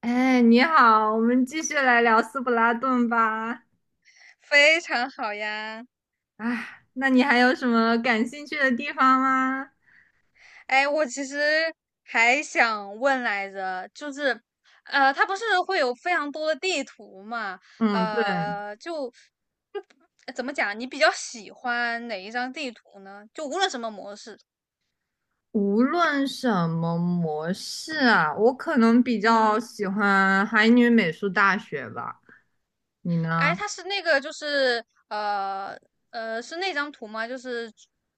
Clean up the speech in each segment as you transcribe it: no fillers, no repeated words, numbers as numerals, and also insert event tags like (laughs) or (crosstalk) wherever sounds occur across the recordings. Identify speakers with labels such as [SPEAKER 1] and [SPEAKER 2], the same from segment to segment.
[SPEAKER 1] 哎，你好，我们继续来聊斯普拉顿吧。
[SPEAKER 2] 非常好呀。
[SPEAKER 1] 哎，那你还有什么感兴趣的地方吗？
[SPEAKER 2] 哎，我其实还想问来着，就是，它不是会有非常多的地图嘛？
[SPEAKER 1] 嗯，对，
[SPEAKER 2] 呃，就就呃怎么讲？你比较喜欢哪一张地图呢？就无论什么模式。
[SPEAKER 1] 无论什么模式啊，我可能比较
[SPEAKER 2] 嗯。
[SPEAKER 1] 喜欢海女美术大学吧。你呢？
[SPEAKER 2] 哎，它是那个就是呃是那张图吗？就是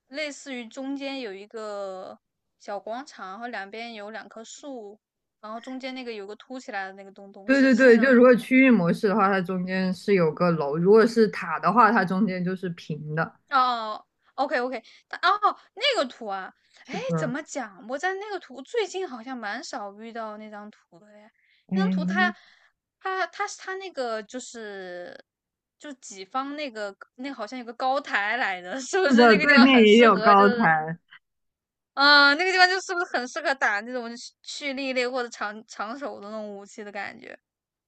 [SPEAKER 2] 类似于中间有一个小广场，然后两边有两棵树，然后中间那个有个凸起来的那个东东，
[SPEAKER 1] 对
[SPEAKER 2] 是
[SPEAKER 1] 对
[SPEAKER 2] 是那
[SPEAKER 1] 对，就
[SPEAKER 2] 张
[SPEAKER 1] 如
[SPEAKER 2] 图
[SPEAKER 1] 果
[SPEAKER 2] 吗？
[SPEAKER 1] 区域模式的话，它中间是有个楼；如果是塔的话，它中间就是平的。
[SPEAKER 2] 哦，OK OK，它哦，那个图啊。
[SPEAKER 1] 是
[SPEAKER 2] 哎，怎
[SPEAKER 1] 的，
[SPEAKER 2] 么讲？我在那个图最近好像蛮少遇到那张图的哎。那张图它
[SPEAKER 1] 嗯，
[SPEAKER 2] 它它是它那个就是就己方那个那好像有个高台来的，(laughs) 是不
[SPEAKER 1] 是
[SPEAKER 2] 是
[SPEAKER 1] 的，
[SPEAKER 2] 那个地
[SPEAKER 1] 对
[SPEAKER 2] 方
[SPEAKER 1] 面
[SPEAKER 2] 很
[SPEAKER 1] 也
[SPEAKER 2] 适
[SPEAKER 1] 有
[SPEAKER 2] 合就
[SPEAKER 1] 高
[SPEAKER 2] 是
[SPEAKER 1] 台。
[SPEAKER 2] 嗯，那个地方就是不是很适合打那种蓄力类或者长手的那种武器的感觉？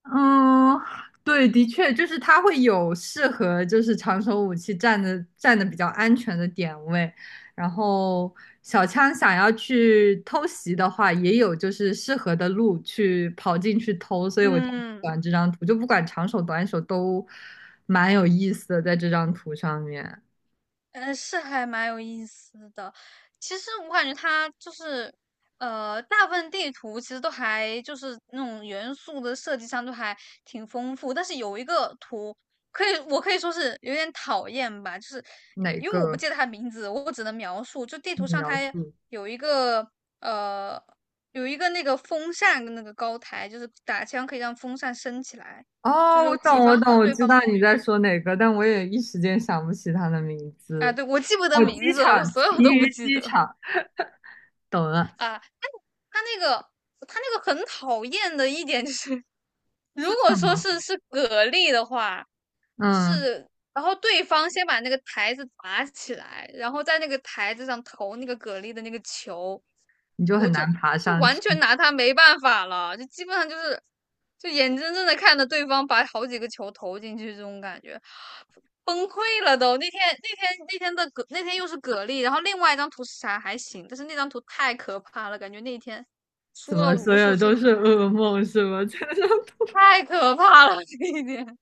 [SPEAKER 1] 嗯，对，的确，就是它会有适合就是长手武器站的比较安全的点位，然后小枪想要去偷袭的话，也有就是适合的路去跑进去偷，所以我就很喜
[SPEAKER 2] 嗯。
[SPEAKER 1] 欢这张图，就不管长手短手都蛮有意思的，在这张图上面
[SPEAKER 2] 是还蛮有意思的。其实我感觉它就是，大部分地图其实都还就是那种元素的设计上都还挺丰富，但是有一个图可以，我可以说是有点讨厌吧，就是
[SPEAKER 1] 哪
[SPEAKER 2] 因为我不
[SPEAKER 1] 个
[SPEAKER 2] 记得它名字，我只能描述。就地
[SPEAKER 1] 你
[SPEAKER 2] 图上
[SPEAKER 1] 描
[SPEAKER 2] 它
[SPEAKER 1] 述？
[SPEAKER 2] 有一个呃有一个那个风扇跟那个高台，就是打枪可以让风扇升起来，就
[SPEAKER 1] 哦，我
[SPEAKER 2] 是己
[SPEAKER 1] 懂，我
[SPEAKER 2] 方和
[SPEAKER 1] 懂，我
[SPEAKER 2] 对
[SPEAKER 1] 知
[SPEAKER 2] 方
[SPEAKER 1] 道
[SPEAKER 2] 都
[SPEAKER 1] 你
[SPEAKER 2] 有。
[SPEAKER 1] 在说哪个，但我也一时间想不起它的名
[SPEAKER 2] 啊，
[SPEAKER 1] 字。
[SPEAKER 2] 对，我记不得
[SPEAKER 1] 哦，
[SPEAKER 2] 名
[SPEAKER 1] 机
[SPEAKER 2] 字了，我
[SPEAKER 1] 场，
[SPEAKER 2] 所
[SPEAKER 1] 奇
[SPEAKER 2] 有都不
[SPEAKER 1] 余
[SPEAKER 2] 记
[SPEAKER 1] 机
[SPEAKER 2] 得。
[SPEAKER 1] 场。懂了，
[SPEAKER 2] 啊，他那个他那个很讨厌的一点就是，(laughs) 如
[SPEAKER 1] 是什
[SPEAKER 2] 果说
[SPEAKER 1] 么？
[SPEAKER 2] 是蛤蜊的话，就
[SPEAKER 1] 嗯，
[SPEAKER 2] 是然后对方先把那个台子砸起来，然后在那个台子上投那个蛤蜊的那个球，
[SPEAKER 1] 你就很
[SPEAKER 2] 我就
[SPEAKER 1] 难爬
[SPEAKER 2] 就
[SPEAKER 1] 上
[SPEAKER 2] 完
[SPEAKER 1] 去。
[SPEAKER 2] 全拿他没办法了，就基本上就是就眼睁睁的看着对方把好几个球投进去，这种感觉崩溃了都。那天的蛤那天又是蛤蜊，然后另外一张图是啥还行，但是那张图太可怕了，感觉那天
[SPEAKER 1] 怎
[SPEAKER 2] 输了
[SPEAKER 1] 么所
[SPEAKER 2] 无数
[SPEAKER 1] 有都
[SPEAKER 2] 场的
[SPEAKER 1] 是
[SPEAKER 2] 感
[SPEAKER 1] 噩
[SPEAKER 2] 觉，
[SPEAKER 1] 梦是吗？(laughs) 在那上
[SPEAKER 2] 太可怕了，(laughs) 那一天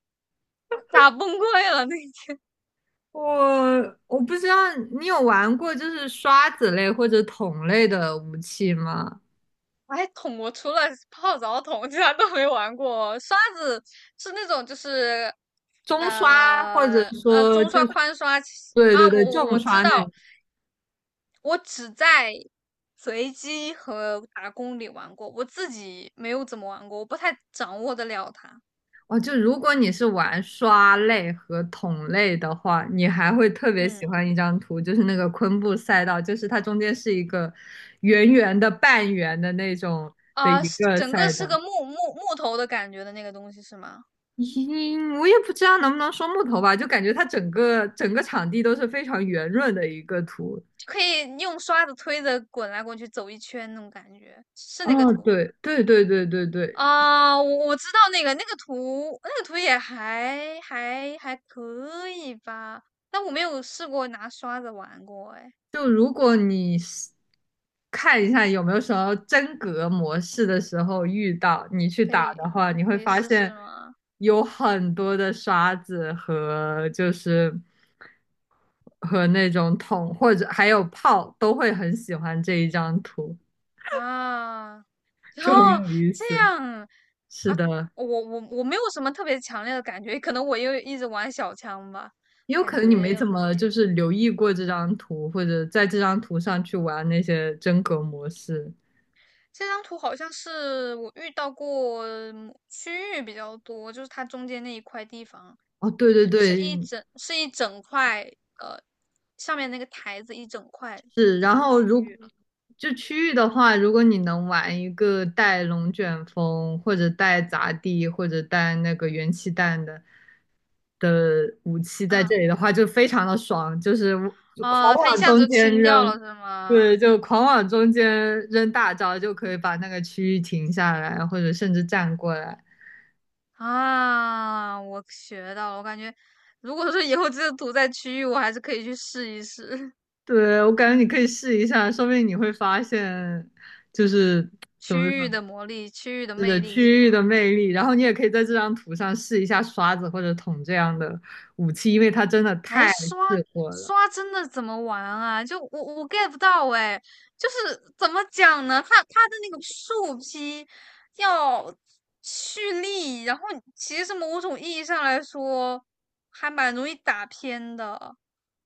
[SPEAKER 2] 打崩溃了那一
[SPEAKER 1] 我不知道你有玩过就是刷子类或者桶类的武器吗？
[SPEAKER 2] 哎，桶我除了泡澡桶，其他都没玩过。刷子是那种就是，
[SPEAKER 1] 中刷或者说
[SPEAKER 2] 中刷、
[SPEAKER 1] 就是
[SPEAKER 2] 宽刷其实
[SPEAKER 1] 对
[SPEAKER 2] 啊，
[SPEAKER 1] 对
[SPEAKER 2] 我
[SPEAKER 1] 对
[SPEAKER 2] 我
[SPEAKER 1] 重
[SPEAKER 2] 我知
[SPEAKER 1] 刷那
[SPEAKER 2] 道，
[SPEAKER 1] 种
[SPEAKER 2] 我只在随机和打工里玩过，我自己没有怎么玩过，我不太掌握得了它。
[SPEAKER 1] 哦，就如果你是玩刷类和桶类的话，你还会特别喜
[SPEAKER 2] 嗯
[SPEAKER 1] 欢一张图，就是那个昆布赛道，就是它中间是一个圆圆的半圆的那种的
[SPEAKER 2] 啊，
[SPEAKER 1] 一
[SPEAKER 2] 是
[SPEAKER 1] 个
[SPEAKER 2] 整个
[SPEAKER 1] 赛
[SPEAKER 2] 是
[SPEAKER 1] 道。
[SPEAKER 2] 个木头的感觉的那个东西是吗？
[SPEAKER 1] 嗯，我也不知道能不能说木头吧，就感觉它整个整个场地都是非常圆润的一个图。
[SPEAKER 2] 就可以用刷子推着滚来滚去走一圈那种感觉，是那个
[SPEAKER 1] 哦，
[SPEAKER 2] 图吧？
[SPEAKER 1] 对对对对对对，
[SPEAKER 2] 啊，我知道那个图，那个图也还可以吧，但我没有试过拿刷子玩过。哎，
[SPEAKER 1] 就如果你是看一下有没有什么真格模式的时候遇到，你去
[SPEAKER 2] 可
[SPEAKER 1] 打
[SPEAKER 2] 以
[SPEAKER 1] 的话，你会
[SPEAKER 2] 可以
[SPEAKER 1] 发
[SPEAKER 2] 试试
[SPEAKER 1] 现
[SPEAKER 2] 吗？
[SPEAKER 1] 有很多的刷子和就是和那种桶或者还有炮都会很喜欢这一张图，
[SPEAKER 2] 啊，(laughs)
[SPEAKER 1] 就很
[SPEAKER 2] 哦，
[SPEAKER 1] 有意
[SPEAKER 2] 这
[SPEAKER 1] 思。
[SPEAKER 2] 样
[SPEAKER 1] 是
[SPEAKER 2] 啊，
[SPEAKER 1] 的，
[SPEAKER 2] 我没有什么特别强烈的感觉，可能我又一直玩小枪吧，
[SPEAKER 1] 也有
[SPEAKER 2] 感
[SPEAKER 1] 可能你没
[SPEAKER 2] 觉
[SPEAKER 1] 怎
[SPEAKER 2] 可
[SPEAKER 1] 么就
[SPEAKER 2] 以。
[SPEAKER 1] 是留意过这张图，或者在这张图上去玩那些真格模式。
[SPEAKER 2] 这张图好像是我遇到过嗯区域比较多，就是它中间那一块地方，
[SPEAKER 1] 哦，对
[SPEAKER 2] 就
[SPEAKER 1] 对
[SPEAKER 2] 是是
[SPEAKER 1] 对，
[SPEAKER 2] 一整是一整块，呃，上面那个台子一整块
[SPEAKER 1] 是。
[SPEAKER 2] 就
[SPEAKER 1] 然
[SPEAKER 2] 是
[SPEAKER 1] 后
[SPEAKER 2] 区
[SPEAKER 1] 如
[SPEAKER 2] 域了。
[SPEAKER 1] 就区域的话，如果你能玩一个带龙卷风，或者带砸地，或者带那个元气弹的武器在
[SPEAKER 2] 啊
[SPEAKER 1] 这里的话，就非常的爽，就是就狂
[SPEAKER 2] 啊，它一
[SPEAKER 1] 往
[SPEAKER 2] 下子
[SPEAKER 1] 中
[SPEAKER 2] 就
[SPEAKER 1] 间
[SPEAKER 2] 清掉
[SPEAKER 1] 扔，
[SPEAKER 2] 了是吗？
[SPEAKER 1] 对，就狂往中间扔大招，就可以把那个区域停下来，或者甚至站过来。
[SPEAKER 2] 啊，我学到了，我感觉如果说以后这个图在区域，我还是可以去试一试。 (laughs)
[SPEAKER 1] 对，我感觉你可以试一下，说不定你会发现，就是怎么
[SPEAKER 2] 区域
[SPEAKER 1] 说，
[SPEAKER 2] 的魔力、区域的
[SPEAKER 1] 是的，
[SPEAKER 2] 魅力是
[SPEAKER 1] 区域的
[SPEAKER 2] 吗？
[SPEAKER 1] 魅力。然后你也可以在这张图上试一下刷子或者桶这样的武器，因为它真的
[SPEAKER 2] 哎，
[SPEAKER 1] 太
[SPEAKER 2] 刷
[SPEAKER 1] 适合了。
[SPEAKER 2] 刷真的怎么玩啊？就我 get 不到哎，就是怎么讲呢？它的那个树劈要蓄力，然后其实某种意义上来说，还蛮容易打偏的。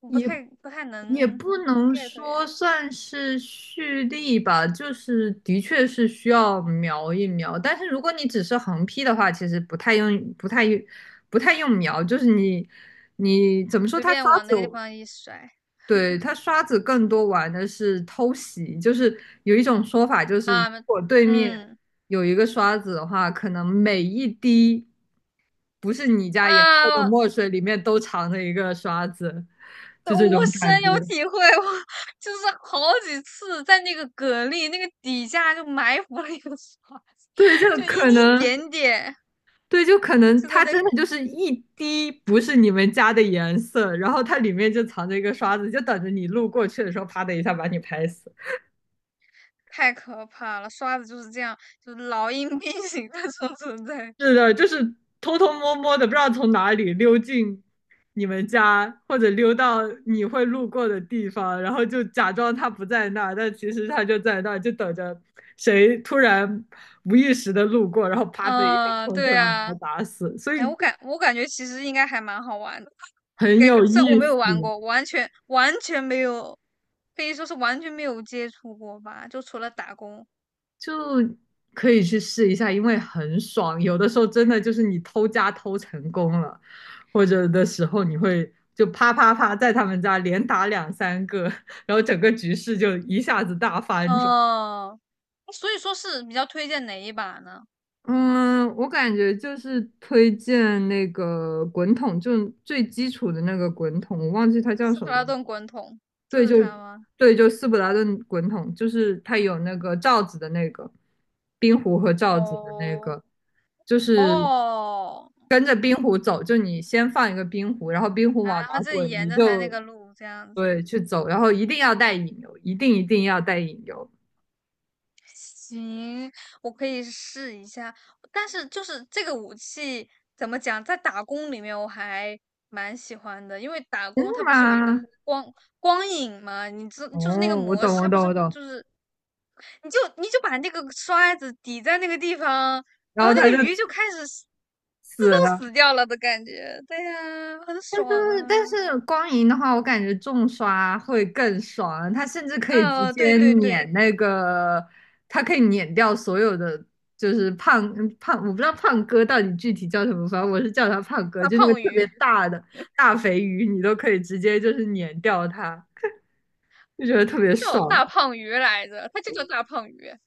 [SPEAKER 2] 我不
[SPEAKER 1] 也
[SPEAKER 2] 太不太
[SPEAKER 1] 也
[SPEAKER 2] 能
[SPEAKER 1] 不
[SPEAKER 2] 能
[SPEAKER 1] 能
[SPEAKER 2] get 哎，
[SPEAKER 1] 说算是蓄力吧，就是的确是需要瞄一瞄。但是如果你只是横劈的话，其实不太用瞄，就是你怎么说，
[SPEAKER 2] 随
[SPEAKER 1] 它刷
[SPEAKER 2] 便往那个地
[SPEAKER 1] 子。
[SPEAKER 2] 方一甩
[SPEAKER 1] 对，他刷子更多玩的是偷袭，就是有一种说法，就是如
[SPEAKER 2] 啊，
[SPEAKER 1] 果对
[SPEAKER 2] 嗯
[SPEAKER 1] 面
[SPEAKER 2] 嗯
[SPEAKER 1] 有一个刷子的话，可能每一滴不是你家颜色的
[SPEAKER 2] 啊。
[SPEAKER 1] 墨水里面都藏着一个刷子，就
[SPEAKER 2] 对
[SPEAKER 1] 这种
[SPEAKER 2] 我深
[SPEAKER 1] 感觉。
[SPEAKER 2] 有体会，我就是好几次在那个蛤蜊那个底下就埋伏了一个刷
[SPEAKER 1] 对，就
[SPEAKER 2] 就一
[SPEAKER 1] 可
[SPEAKER 2] 一
[SPEAKER 1] 能，
[SPEAKER 2] 点点，
[SPEAKER 1] 对，就可能
[SPEAKER 2] 真的
[SPEAKER 1] 它
[SPEAKER 2] 那
[SPEAKER 1] 真
[SPEAKER 2] 个
[SPEAKER 1] 的就是一滴不是你们家的颜色，然后它里面就藏着一个刷子，就等着你路过去的时候，啪的一下把你拍死。
[SPEAKER 2] 太可怕了。刷子就是这样，就是老鹰变形的 (laughs) 这种存在。
[SPEAKER 1] 是的，就是偷偷摸摸的，不知道从哪里溜进你们家，或者溜到你会路过的地方，然后就假装他不在那儿，但其实他就在那儿，就等着谁突然无意识的路过，然后啪的一下
[SPEAKER 2] 嗯，
[SPEAKER 1] 冲进
[SPEAKER 2] 对
[SPEAKER 1] 来把
[SPEAKER 2] 啊，
[SPEAKER 1] 他打死，所
[SPEAKER 2] 哎，
[SPEAKER 1] 以
[SPEAKER 2] 我感觉其实应该还蛮好玩的。
[SPEAKER 1] 很
[SPEAKER 2] 给，
[SPEAKER 1] 有
[SPEAKER 2] 虽然我
[SPEAKER 1] 意
[SPEAKER 2] 没有玩
[SPEAKER 1] 思，
[SPEAKER 2] 过，完全没有，可以说是完全没有接触过吧，就除了打工。
[SPEAKER 1] 就可以去试一下，因为很爽，有的时候真的就是你偷家偷成功了。或者的时候，你会就啪啪啪在他们家连打两三个，然后整个局势就一下子大翻转。
[SPEAKER 2] 嗯，所以说是比较推荐哪一把呢？
[SPEAKER 1] 嗯，我感觉就是推荐那个滚筒，就最基础的那个滚筒，我忘记它叫
[SPEAKER 2] 斯
[SPEAKER 1] 什
[SPEAKER 2] 克拉
[SPEAKER 1] 么了。
[SPEAKER 2] 顿滚筒就
[SPEAKER 1] 对，
[SPEAKER 2] 是
[SPEAKER 1] 就
[SPEAKER 2] 它吗？
[SPEAKER 1] 对，就斯普达顿滚筒，就是它有那个罩子的那个冰壶和罩子的那
[SPEAKER 2] 哦
[SPEAKER 1] 个，就是
[SPEAKER 2] 哦，
[SPEAKER 1] 跟着冰壶走，就你先放一个冰壶，然后冰壶
[SPEAKER 2] 啊
[SPEAKER 1] 往哪
[SPEAKER 2] 然后就
[SPEAKER 1] 滚，
[SPEAKER 2] 沿
[SPEAKER 1] 你
[SPEAKER 2] 着它那
[SPEAKER 1] 就
[SPEAKER 2] 个路这样子，
[SPEAKER 1] 对去走，然后一定要带引流，一定一定要带引流，
[SPEAKER 2] 行，我可以试一下。但是就是这个武器怎么讲，在打工里面我还蛮喜欢的，因为打
[SPEAKER 1] 是
[SPEAKER 2] 工它不是有一个
[SPEAKER 1] 吗？
[SPEAKER 2] 光光影嘛，你知就是那个
[SPEAKER 1] 哦，我
[SPEAKER 2] 模
[SPEAKER 1] 懂，
[SPEAKER 2] 式，
[SPEAKER 1] 我
[SPEAKER 2] 它不
[SPEAKER 1] 懂，
[SPEAKER 2] 是
[SPEAKER 1] 我
[SPEAKER 2] 会
[SPEAKER 1] 懂。
[SPEAKER 2] 就是你就把那个刷子抵在那个地方，
[SPEAKER 1] 然
[SPEAKER 2] 然
[SPEAKER 1] 后
[SPEAKER 2] 后那
[SPEAKER 1] 他就
[SPEAKER 2] 个鱼就开始死自
[SPEAKER 1] 死
[SPEAKER 2] 动
[SPEAKER 1] 了，
[SPEAKER 2] 死掉了的感觉。对呀、很
[SPEAKER 1] 但
[SPEAKER 2] 爽
[SPEAKER 1] 是但
[SPEAKER 2] 啊！
[SPEAKER 1] 是光影的话，我感觉重刷会更爽，它甚至可以直
[SPEAKER 2] 啊，对
[SPEAKER 1] 接
[SPEAKER 2] 对对，
[SPEAKER 1] 碾那个，它可以碾掉所有的，就是我不知道胖哥到底具体叫什么，反正我是叫他胖哥，
[SPEAKER 2] 大
[SPEAKER 1] 就那个
[SPEAKER 2] 胖
[SPEAKER 1] 特别
[SPEAKER 2] 鱼，
[SPEAKER 1] 大的大肥鱼，你都可以直接就是碾掉它，就觉得特别
[SPEAKER 2] 它叫
[SPEAKER 1] 爽。
[SPEAKER 2] 大胖鱼来着，它就叫大胖鱼啊。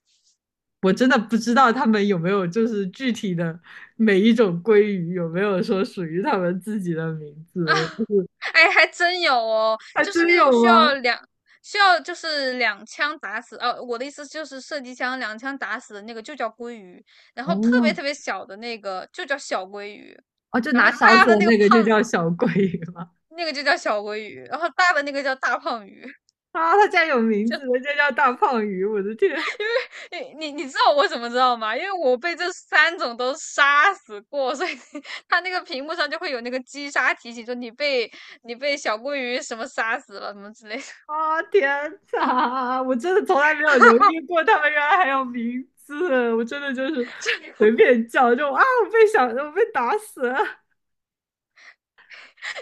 [SPEAKER 1] 我真的不知道他们有没有就是具体的每一种鲑鱼有没有说属于他们自己的名字，我就
[SPEAKER 2] (laughs)
[SPEAKER 1] 是
[SPEAKER 2] 哎，还真有哦，
[SPEAKER 1] 还
[SPEAKER 2] 就是
[SPEAKER 1] 真
[SPEAKER 2] 那
[SPEAKER 1] 有
[SPEAKER 2] 种需
[SPEAKER 1] 吗？
[SPEAKER 2] 要就是两枪打死，哦、我的意思就是射击枪两枪打死的那个就叫鲑鱼，然后特别
[SPEAKER 1] 哦，
[SPEAKER 2] 特别小的那个就叫小鲑鱼，
[SPEAKER 1] 哦，就
[SPEAKER 2] 然后
[SPEAKER 1] 拿勺子
[SPEAKER 2] 大的
[SPEAKER 1] 的
[SPEAKER 2] 那个
[SPEAKER 1] 那个就
[SPEAKER 2] 胖
[SPEAKER 1] 叫小鲑鱼吗？
[SPEAKER 2] 那个就叫小鲑鱼，然后大的那个叫大胖鱼。
[SPEAKER 1] 啊，它竟然有名字的，人家叫大胖鱼！我的天
[SPEAKER 2] (laughs) 你知道我怎么知道吗？因为我被这三种都杀死过，所以 (laughs) 它那个屏幕上就会有那个击杀提醒，说你被小鲑鱼什么杀死了什么之类的。
[SPEAKER 1] 啊，天哪！我真的从来没有留意过，他们原来还有名字。我真的就是
[SPEAKER 2] (laughs) 就
[SPEAKER 1] 随便叫，就啊，我被小，我被打死了！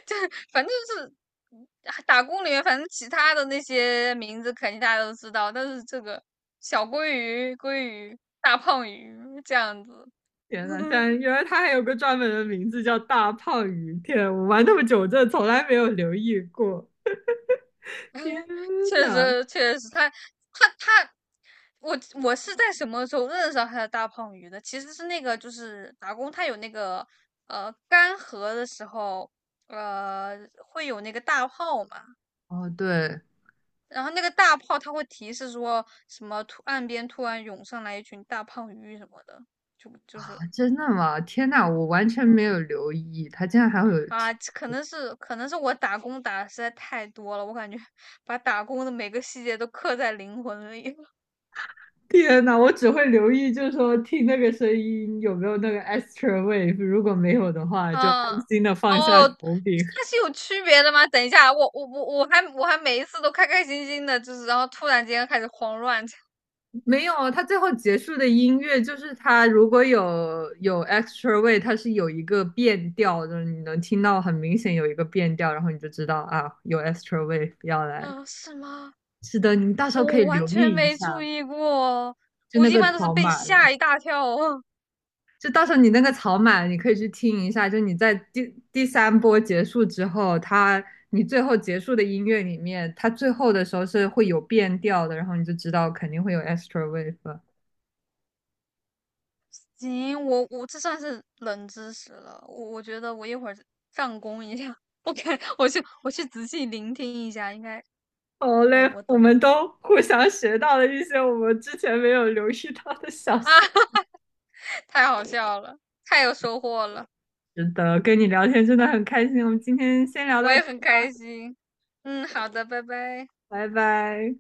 [SPEAKER 2] 就反正就是。打工里面，反正其他的那些名字肯定大家都知道，但是这个小鲑鱼、鲑鱼、大胖鱼这样子。
[SPEAKER 1] 天哪，竟然
[SPEAKER 2] (laughs)
[SPEAKER 1] 原来它还有个专门的名字叫大胖鱼！天，我玩那么久，我真的从来没有留意过。天
[SPEAKER 2] (laughs) 确
[SPEAKER 1] 哪！
[SPEAKER 2] 实确实，他，我是在什么时候认识到他的大胖鱼的？其实是那个就是打工，他有那个干涸的时候，呃会有那个大炮嘛，
[SPEAKER 1] 哦，对
[SPEAKER 2] 然后那个大炮它会提示说什么突岸边突然涌上来一群大胖鱼什么的，就就是
[SPEAKER 1] 啊，真的吗？天哪，我完全
[SPEAKER 2] 嗯
[SPEAKER 1] 没有留意，它竟然还会有
[SPEAKER 2] 啊，可能是我打工打的实在太多了，我感觉 (laughs) 把打工的每个细节都刻在灵魂里。
[SPEAKER 1] (laughs) 天呐，我只会留意，就是说听那个声音有没有那个 extra wave，如果没有的话，就安
[SPEAKER 2] 嗯，
[SPEAKER 1] 心的放下
[SPEAKER 2] 哦，
[SPEAKER 1] 手柄。
[SPEAKER 2] 它是有区别的吗？等一下，我还每一次都开开心心的，就是然后突然间开始慌乱起
[SPEAKER 1] (laughs) 没有，它最后结束的音乐就是它如果有 extra wave，它是有一个变调的，就是你能听到很明显有一个变调，然后你就知道啊，有 extra wave
[SPEAKER 2] 来。
[SPEAKER 1] 要来。
[SPEAKER 2] 啊，是吗？
[SPEAKER 1] 是的，你到时候可以
[SPEAKER 2] 我完
[SPEAKER 1] 留
[SPEAKER 2] 全
[SPEAKER 1] 意一
[SPEAKER 2] 没注
[SPEAKER 1] 下，
[SPEAKER 2] 意过，
[SPEAKER 1] 就
[SPEAKER 2] 我
[SPEAKER 1] 那
[SPEAKER 2] 一
[SPEAKER 1] 个
[SPEAKER 2] 般都是
[SPEAKER 1] 条
[SPEAKER 2] 被
[SPEAKER 1] 码
[SPEAKER 2] 吓
[SPEAKER 1] 了。
[SPEAKER 2] 一大跳哦。
[SPEAKER 1] 就到时候你那个草满，你可以去听一下。就你在第三波结束之后，它你最后结束的音乐里面，它最后的时候是会有变调的，然后你就知道肯定会有 extra wave。
[SPEAKER 2] (laughs) 行，我这算是冷知识了，我觉得我一会儿上攻一下，(laughs) 我看我去仔细聆听一下，应该
[SPEAKER 1] 好
[SPEAKER 2] 我
[SPEAKER 1] 嘞，
[SPEAKER 2] 我
[SPEAKER 1] 我
[SPEAKER 2] 懂。
[SPEAKER 1] 们都互相学到了一些我们之前没有留意到的小细节。
[SPEAKER 2] (laughs) 太好笑了，太有收获了，
[SPEAKER 1] 是的，跟你聊天真的很开心。我们今天先聊
[SPEAKER 2] 我
[SPEAKER 1] 到
[SPEAKER 2] 也
[SPEAKER 1] 这，
[SPEAKER 2] 很开心。嗯，好的，拜拜。
[SPEAKER 1] 拜拜。